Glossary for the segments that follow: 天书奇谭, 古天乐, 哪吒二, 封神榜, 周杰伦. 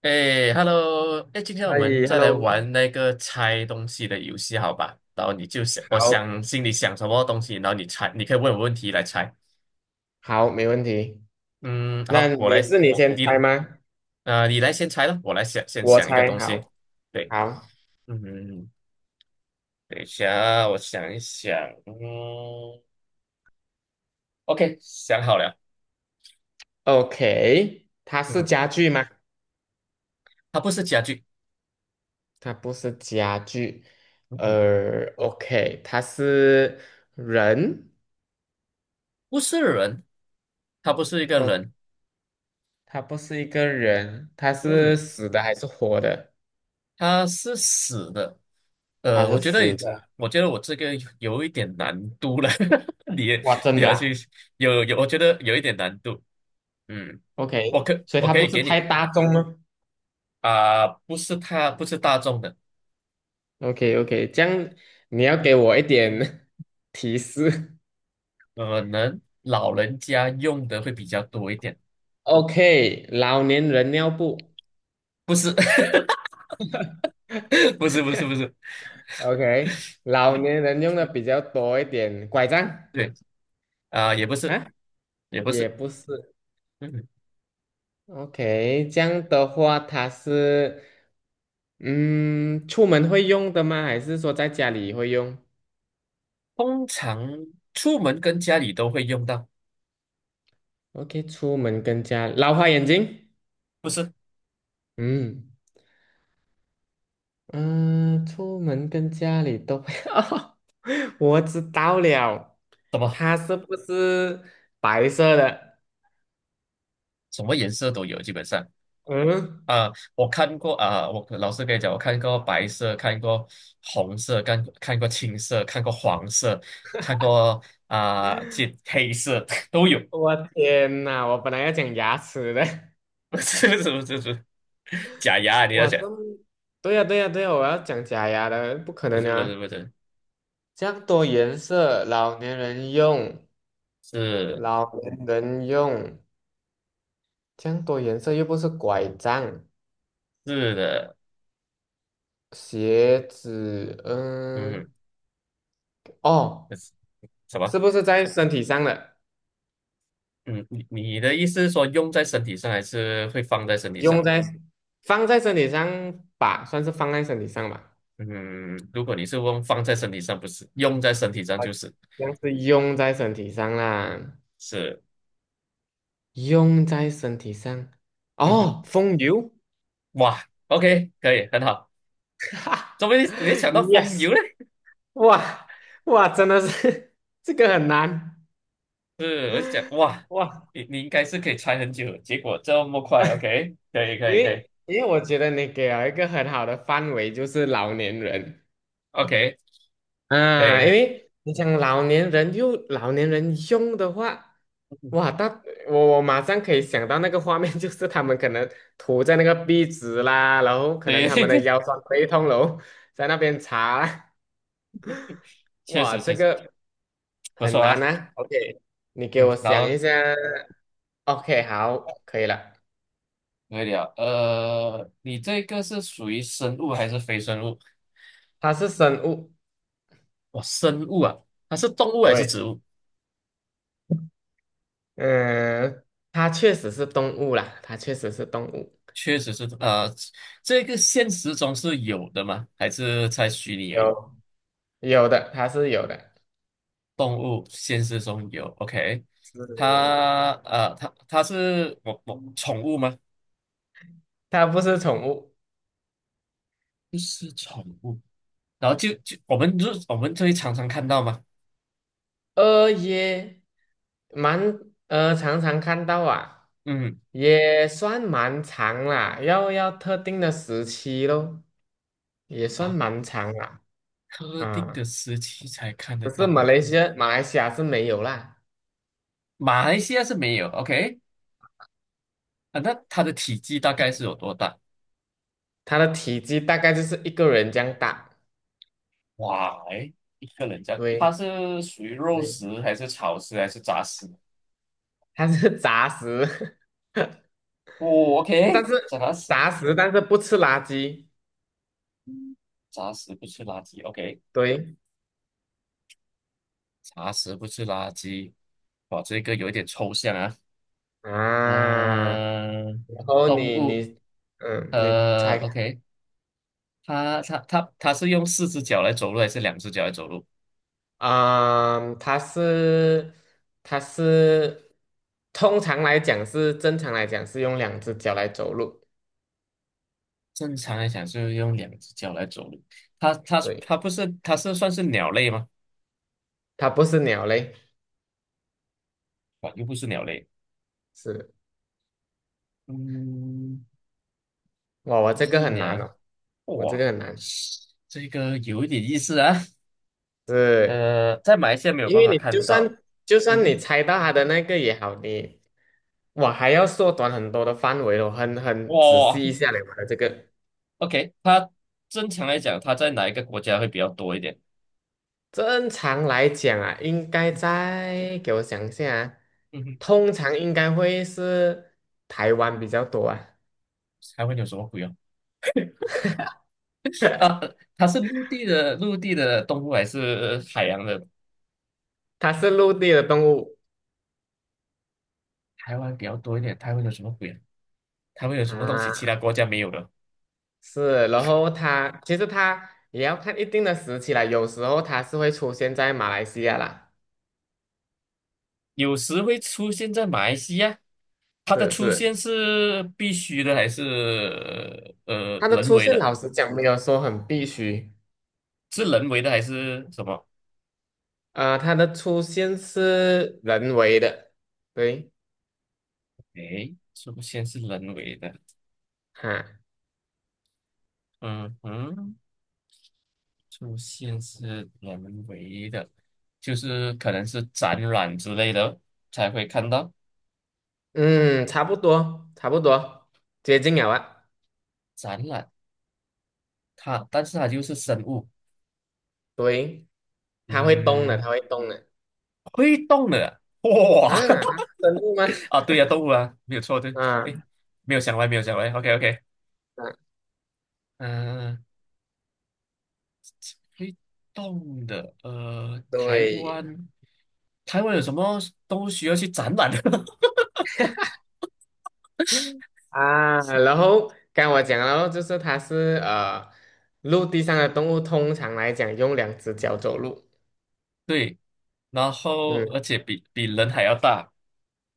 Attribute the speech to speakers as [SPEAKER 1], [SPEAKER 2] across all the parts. [SPEAKER 1] 哎，Hello，哎，今天我
[SPEAKER 2] 哎
[SPEAKER 1] 们再来
[SPEAKER 2] ，hello，
[SPEAKER 1] 玩那个猜东西的游戏，好吧？然后你就想，我
[SPEAKER 2] 好，
[SPEAKER 1] 想心里想什么东西，然后你猜，你可以问我问题来猜。
[SPEAKER 2] 好，没问题。
[SPEAKER 1] 嗯，
[SPEAKER 2] 那
[SPEAKER 1] 好，我来，
[SPEAKER 2] 你是你
[SPEAKER 1] 我
[SPEAKER 2] 先
[SPEAKER 1] 你
[SPEAKER 2] 猜吗？
[SPEAKER 1] 你来先猜了，我来想先
[SPEAKER 2] 我
[SPEAKER 1] 想一个
[SPEAKER 2] 猜，
[SPEAKER 1] 东西。
[SPEAKER 2] 好，
[SPEAKER 1] 对，
[SPEAKER 2] 好
[SPEAKER 1] 嗯，等一下，我想一想，嗯，OK，想好了。
[SPEAKER 2] ，OK。它是
[SPEAKER 1] 嗯，
[SPEAKER 2] 家具吗？
[SPEAKER 1] 它不是家具，
[SPEAKER 2] 它不是家具。
[SPEAKER 1] 嗯哼，
[SPEAKER 2] OK，它是人。
[SPEAKER 1] 不是人，它不是一个
[SPEAKER 2] 哦，
[SPEAKER 1] 人，
[SPEAKER 2] 它不是一个人，它
[SPEAKER 1] 嗯
[SPEAKER 2] 是
[SPEAKER 1] 哼，
[SPEAKER 2] 死的还是活的？
[SPEAKER 1] 它是死的，
[SPEAKER 2] 它
[SPEAKER 1] 我
[SPEAKER 2] 是
[SPEAKER 1] 觉得，
[SPEAKER 2] 死的。
[SPEAKER 1] 我觉得我这个有一点难度了，你也
[SPEAKER 2] 哇，真
[SPEAKER 1] 你
[SPEAKER 2] 的
[SPEAKER 1] 要
[SPEAKER 2] 啊
[SPEAKER 1] 去我觉得有一点难度。嗯，
[SPEAKER 2] ？OK，所以
[SPEAKER 1] 我
[SPEAKER 2] 它
[SPEAKER 1] 可
[SPEAKER 2] 不
[SPEAKER 1] 以
[SPEAKER 2] 是
[SPEAKER 1] 给
[SPEAKER 2] 太
[SPEAKER 1] 你
[SPEAKER 2] 大众吗
[SPEAKER 1] 不是他不是大众的，
[SPEAKER 2] ？OK，OK，这样你要给我一点 提示。
[SPEAKER 1] 可能老人家用的会比较多一点，
[SPEAKER 2] OK，老年人尿布
[SPEAKER 1] 不是 不是，
[SPEAKER 2] ，OK，老
[SPEAKER 1] 嗯，
[SPEAKER 2] 年人用的比较多一点，拐杖
[SPEAKER 1] 对也不是
[SPEAKER 2] 啊，
[SPEAKER 1] 也不
[SPEAKER 2] 也
[SPEAKER 1] 是，
[SPEAKER 2] 不是
[SPEAKER 1] 嗯，
[SPEAKER 2] ，OK，这样的话，它是，嗯，出门会用的吗？还是说在家里会用
[SPEAKER 1] 通常出门跟家里都会用到，
[SPEAKER 2] ？OK，出门跟家，老花眼镜，
[SPEAKER 1] 不是
[SPEAKER 2] 嗯嗯，出门跟家里都会，我知道了，
[SPEAKER 1] 什么
[SPEAKER 2] 它是不是白色的？
[SPEAKER 1] 什么颜色都有，基本上。
[SPEAKER 2] 嗯。
[SPEAKER 1] 啊，我看过啊，我老师跟你讲，我看过白色，看过红色，看过青色，看过黄色，看过啊，这黑色 都有。
[SPEAKER 2] 我天呐，我本来要讲牙齿的，
[SPEAKER 1] 不是，假牙啊你要
[SPEAKER 2] 哇，
[SPEAKER 1] 讲？
[SPEAKER 2] 这么对呀、对呀、对呀、我要讲假牙的，不可能啊！
[SPEAKER 1] 不是，
[SPEAKER 2] 这样多颜色，老年人用，
[SPEAKER 1] 是
[SPEAKER 2] 老年人用，这样多颜色又不是拐杖、
[SPEAKER 1] 是的，
[SPEAKER 2] 鞋子，
[SPEAKER 1] 嗯，
[SPEAKER 2] 嗯，哦，
[SPEAKER 1] 不是什么？
[SPEAKER 2] 是不是在身体上的？
[SPEAKER 1] 嗯，你的意思是说用在身体上，还是会放在身体上？
[SPEAKER 2] 用在放在身体上吧，算是放在身体上吧，
[SPEAKER 1] 嗯，如果你是问放在身体上，不是用在身体上，
[SPEAKER 2] 好
[SPEAKER 1] 就是
[SPEAKER 2] 像是用在身体上啦。
[SPEAKER 1] 是，
[SPEAKER 2] 用在身体上。
[SPEAKER 1] 嗯哼，
[SPEAKER 2] 哦，风油
[SPEAKER 1] 哇，OK，可以，很好。怎么你 想到风
[SPEAKER 2] ，yes，
[SPEAKER 1] 油嘞？
[SPEAKER 2] 哇哇，真的是 这个很难
[SPEAKER 1] 是，我就想，哇，
[SPEAKER 2] 哇，
[SPEAKER 1] 你应该是可以猜很久的结果这么快，OK，
[SPEAKER 2] 因
[SPEAKER 1] 可以
[SPEAKER 2] 为我觉得你给了一个很好的范围，就是老年人
[SPEAKER 1] ，OK，
[SPEAKER 2] 啊，
[SPEAKER 1] 可
[SPEAKER 2] 因
[SPEAKER 1] 以，
[SPEAKER 2] 为你想老年人又老年人用的话，哇，那我马上可以想到那个画面，就是他们可能涂在那个壁纸啦，然后 可能他们的
[SPEAKER 1] 对，
[SPEAKER 2] 腰酸背痛喽，在那边擦啦，
[SPEAKER 1] 确
[SPEAKER 2] 哇，
[SPEAKER 1] 实确
[SPEAKER 2] 这
[SPEAKER 1] 实
[SPEAKER 2] 个。
[SPEAKER 1] 不错
[SPEAKER 2] 很难
[SPEAKER 1] 啊，
[SPEAKER 2] 啊。OK，你给
[SPEAKER 1] 嗯，
[SPEAKER 2] 我
[SPEAKER 1] 然
[SPEAKER 2] 想一
[SPEAKER 1] 后
[SPEAKER 2] 下。OK，好，可以了。
[SPEAKER 1] 可以了，你这个是属于生物还是非生物？
[SPEAKER 2] 它是生物，
[SPEAKER 1] 哇，生物啊，它是动物还是
[SPEAKER 2] 对，
[SPEAKER 1] 植物？
[SPEAKER 2] 嗯，它确实是动物啦，它确实是动物，
[SPEAKER 1] 确实是，呃，这个现实中是有的吗？还是在虚拟而已？
[SPEAKER 2] 有有的，它是有的，
[SPEAKER 1] 动物现实中有，OK，
[SPEAKER 2] 是
[SPEAKER 1] 它是我宠物吗？
[SPEAKER 2] 它不是宠物，
[SPEAKER 1] 不是宠物，就我们就我们就会常常看到嘛，
[SPEAKER 2] 也蛮常常看到啊，
[SPEAKER 1] 嗯
[SPEAKER 2] 也算蛮长啦，要特定的时期咯，也算
[SPEAKER 1] 啊，
[SPEAKER 2] 蛮长啦，
[SPEAKER 1] 特定的
[SPEAKER 2] 啊，
[SPEAKER 1] 时期才看得
[SPEAKER 2] 可是
[SPEAKER 1] 到，
[SPEAKER 2] 马来西亚是没有啦。
[SPEAKER 1] 马来西亚是没有，OK。 啊，那它的体积大概是有多大？
[SPEAKER 2] 它的体积大概就是一个人这样大，
[SPEAKER 1] 哇，诶一个人家，它
[SPEAKER 2] 对
[SPEAKER 1] 是属于肉
[SPEAKER 2] 对，
[SPEAKER 1] 食还是草食还是杂食？
[SPEAKER 2] 它是杂食，
[SPEAKER 1] 哦
[SPEAKER 2] 但
[SPEAKER 1] ，OK，
[SPEAKER 2] 是
[SPEAKER 1] 杂食，
[SPEAKER 2] 杂食但是不吃垃圾，
[SPEAKER 1] 杂食不吃垃圾，OK。
[SPEAKER 2] 对
[SPEAKER 1] 茶食不是垃圾。哇，这个有一点抽象啊。
[SPEAKER 2] 啊，
[SPEAKER 1] 嗯、
[SPEAKER 2] 然后
[SPEAKER 1] 动物，
[SPEAKER 2] 你嗯，你猜看
[SPEAKER 1] OK，它是用四只脚来走路还是两只脚来走路？
[SPEAKER 2] 啊，它是通常来讲是正常来讲是用两只脚来走路，
[SPEAKER 1] 正常来讲是用两只脚来走路。
[SPEAKER 2] 对，
[SPEAKER 1] 它不是它是算是鸟类吗？
[SPEAKER 2] 它不是鸟类，
[SPEAKER 1] 哇，又不是鸟类。
[SPEAKER 2] 是
[SPEAKER 1] 嗯，
[SPEAKER 2] 哇，我
[SPEAKER 1] 不
[SPEAKER 2] 这
[SPEAKER 1] 是
[SPEAKER 2] 个很难
[SPEAKER 1] 鸟。
[SPEAKER 2] 哦，我这个
[SPEAKER 1] 哇，
[SPEAKER 2] 很难，
[SPEAKER 1] 这个有一点意思啊。
[SPEAKER 2] 对。
[SPEAKER 1] 呃，在马来西亚没有
[SPEAKER 2] 因
[SPEAKER 1] 办
[SPEAKER 2] 为
[SPEAKER 1] 法
[SPEAKER 2] 你就
[SPEAKER 1] 看到。
[SPEAKER 2] 算就
[SPEAKER 1] 嗯
[SPEAKER 2] 算你
[SPEAKER 1] 哼，
[SPEAKER 2] 猜到它的那个也好，你我还要缩短很多的范围哦，很仔
[SPEAKER 1] 哇，
[SPEAKER 2] 细一下嘞，我的这个。
[SPEAKER 1] OK，它正常来讲，它在哪一个国家会比较多一点？
[SPEAKER 2] 正常来讲啊，应该
[SPEAKER 1] 嗯
[SPEAKER 2] 在给我想一下啊，
[SPEAKER 1] 嗯哼，
[SPEAKER 2] 通常应该会是台湾比较多啊，
[SPEAKER 1] 还会有什么鬼啊？啊，它是陆地的动物还是海洋的？
[SPEAKER 2] 它是陆地的动物
[SPEAKER 1] 台湾比较多一点，台湾有什么鬼啊？台湾有什么东西其
[SPEAKER 2] 啊，
[SPEAKER 1] 他国家没有的？
[SPEAKER 2] 是，然后它其实它也要看一定的时期啦，有时候它是会出现在马来西亚啦，
[SPEAKER 1] 有时会出现在马来西亚，它的
[SPEAKER 2] 是
[SPEAKER 1] 出
[SPEAKER 2] 是，
[SPEAKER 1] 现是必须的还是
[SPEAKER 2] 它的
[SPEAKER 1] 人
[SPEAKER 2] 出
[SPEAKER 1] 为
[SPEAKER 2] 现
[SPEAKER 1] 的？
[SPEAKER 2] 老实讲没有说很必须。
[SPEAKER 1] 是人为的还是什么？
[SPEAKER 2] 它的出现是人为的，对，
[SPEAKER 1] 出现是人为的。
[SPEAKER 2] 哈，
[SPEAKER 1] 嗯哼，出现是人为的，就是可能是展览之类的才会看到
[SPEAKER 2] 嗯，差不多，差不多，接近了啊，
[SPEAKER 1] 展览。它，但是它就是生物，
[SPEAKER 2] 对，它会动的，它
[SPEAKER 1] 嗯，
[SPEAKER 2] 会动的，
[SPEAKER 1] 会动的，哇，
[SPEAKER 2] 啊，它是生物吗？
[SPEAKER 1] 啊，对呀、动物啊，没有错，对，
[SPEAKER 2] 啊，
[SPEAKER 1] 哎，没有想歪，没有想歪，OK OK，
[SPEAKER 2] 啊，
[SPEAKER 1] 嗯、呃会动的，呃，台
[SPEAKER 2] 对，
[SPEAKER 1] 湾，台湾有什么动物需要去展览的？
[SPEAKER 2] 嗯啊，然后刚我讲了哦，就是陆地上的动物，通常来讲用两只脚走路，
[SPEAKER 1] 对，然后
[SPEAKER 2] 嗯，
[SPEAKER 1] 而且比人还要大，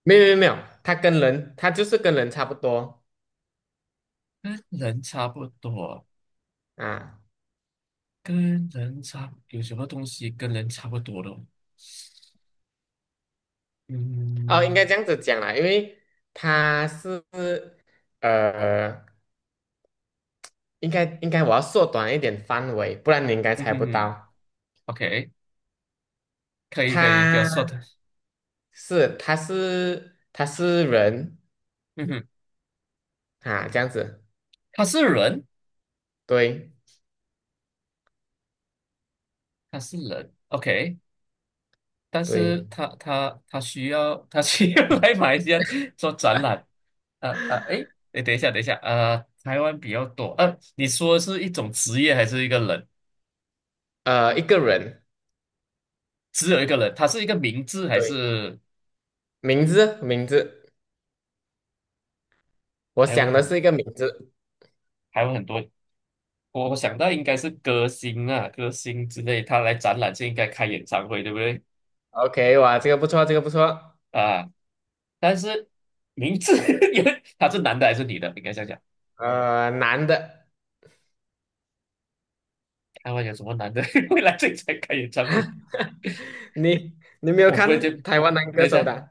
[SPEAKER 2] 没有没有没有，它跟人，它就是跟人差不多
[SPEAKER 1] 跟人差不多。
[SPEAKER 2] 啊。
[SPEAKER 1] 跟人差有什么东西跟人差不多的哦
[SPEAKER 2] 哦，应该这
[SPEAKER 1] 嗯
[SPEAKER 2] 样子讲啦，因为他是呃，应该我要缩短一点范围，不然你应该
[SPEAKER 1] 嗯
[SPEAKER 2] 猜
[SPEAKER 1] 哼
[SPEAKER 2] 不
[SPEAKER 1] 哼
[SPEAKER 2] 到。
[SPEAKER 1] ，OK，可以，就要说
[SPEAKER 2] 他
[SPEAKER 1] 的，
[SPEAKER 2] 是他是人
[SPEAKER 1] 嗯哼，
[SPEAKER 2] 啊，这样子，
[SPEAKER 1] 他是人，
[SPEAKER 2] 对
[SPEAKER 1] 他是人，OK，但是
[SPEAKER 2] 对，
[SPEAKER 1] 他需要来马来西亚做展览，啊啊，诶，诶，等一下，啊，台湾比较多，呃、你说是一种职业还是一个人？
[SPEAKER 2] 一个人，
[SPEAKER 1] 只有一个人，他是一个名字还
[SPEAKER 2] 对，
[SPEAKER 1] 是
[SPEAKER 2] 名字名字，我
[SPEAKER 1] 台湾
[SPEAKER 2] 想的是一个名字。
[SPEAKER 1] 台湾很多？我想到应该是歌星啊，歌星之类，他来展览就应该开演唱会，对不对？
[SPEAKER 2] OK，哇，这个不错，这个不错，
[SPEAKER 1] 啊，但是名字 因为他是男的还是女的？应该想讲，
[SPEAKER 2] 男的，
[SPEAKER 1] 台湾有什么男的 会来这里才开演唱会？
[SPEAKER 2] 你你没有
[SPEAKER 1] 我忽
[SPEAKER 2] 看
[SPEAKER 1] 然间，
[SPEAKER 2] 台湾男
[SPEAKER 1] 等
[SPEAKER 2] 歌
[SPEAKER 1] 一
[SPEAKER 2] 手
[SPEAKER 1] 下，
[SPEAKER 2] 的啊？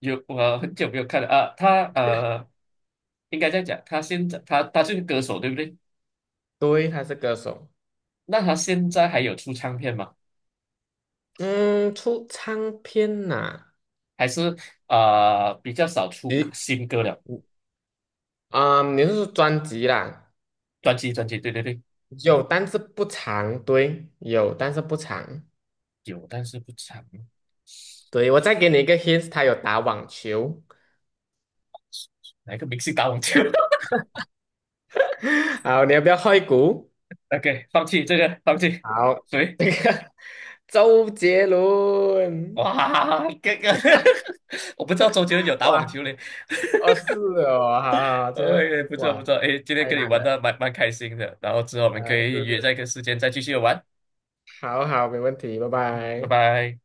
[SPEAKER 1] 有我很久没有看了啊，应该这样讲，他现在他是个歌手，对不对？
[SPEAKER 2] 对，他是歌手，
[SPEAKER 1] 那他现在还有出唱片吗？
[SPEAKER 2] 嗯，出唱片呐、
[SPEAKER 1] 还是比较少出
[SPEAKER 2] 你
[SPEAKER 1] 新歌了？
[SPEAKER 2] 你是说专辑啦？
[SPEAKER 1] 专辑，对，
[SPEAKER 2] 有，但是不长，对，有，但是不长。
[SPEAKER 1] 有，但是不长。
[SPEAKER 2] 对，我再给你一个 hint，他有打网球。
[SPEAKER 1] 哪一个明星打网球？
[SPEAKER 2] 好，你要不要换一股？
[SPEAKER 1] OK，放弃这个，放弃。
[SPEAKER 2] 好，
[SPEAKER 1] 谁？
[SPEAKER 2] 这个 周杰伦，
[SPEAKER 1] 哇，这个 我不知道周杰伦有打网
[SPEAKER 2] 哇，
[SPEAKER 1] 球嘞。
[SPEAKER 2] 哦是哦，好好，好这个
[SPEAKER 1] 哎，不
[SPEAKER 2] 哇
[SPEAKER 1] 错，哎，今天
[SPEAKER 2] 太
[SPEAKER 1] 跟你
[SPEAKER 2] 难
[SPEAKER 1] 玩的
[SPEAKER 2] 了，
[SPEAKER 1] 蛮开心的，然后之后我们可以
[SPEAKER 2] 是
[SPEAKER 1] 约在
[SPEAKER 2] 是，
[SPEAKER 1] 一个时间再继续玩，
[SPEAKER 2] 好好，没问题，拜
[SPEAKER 1] 拜
[SPEAKER 2] 拜。
[SPEAKER 1] 拜。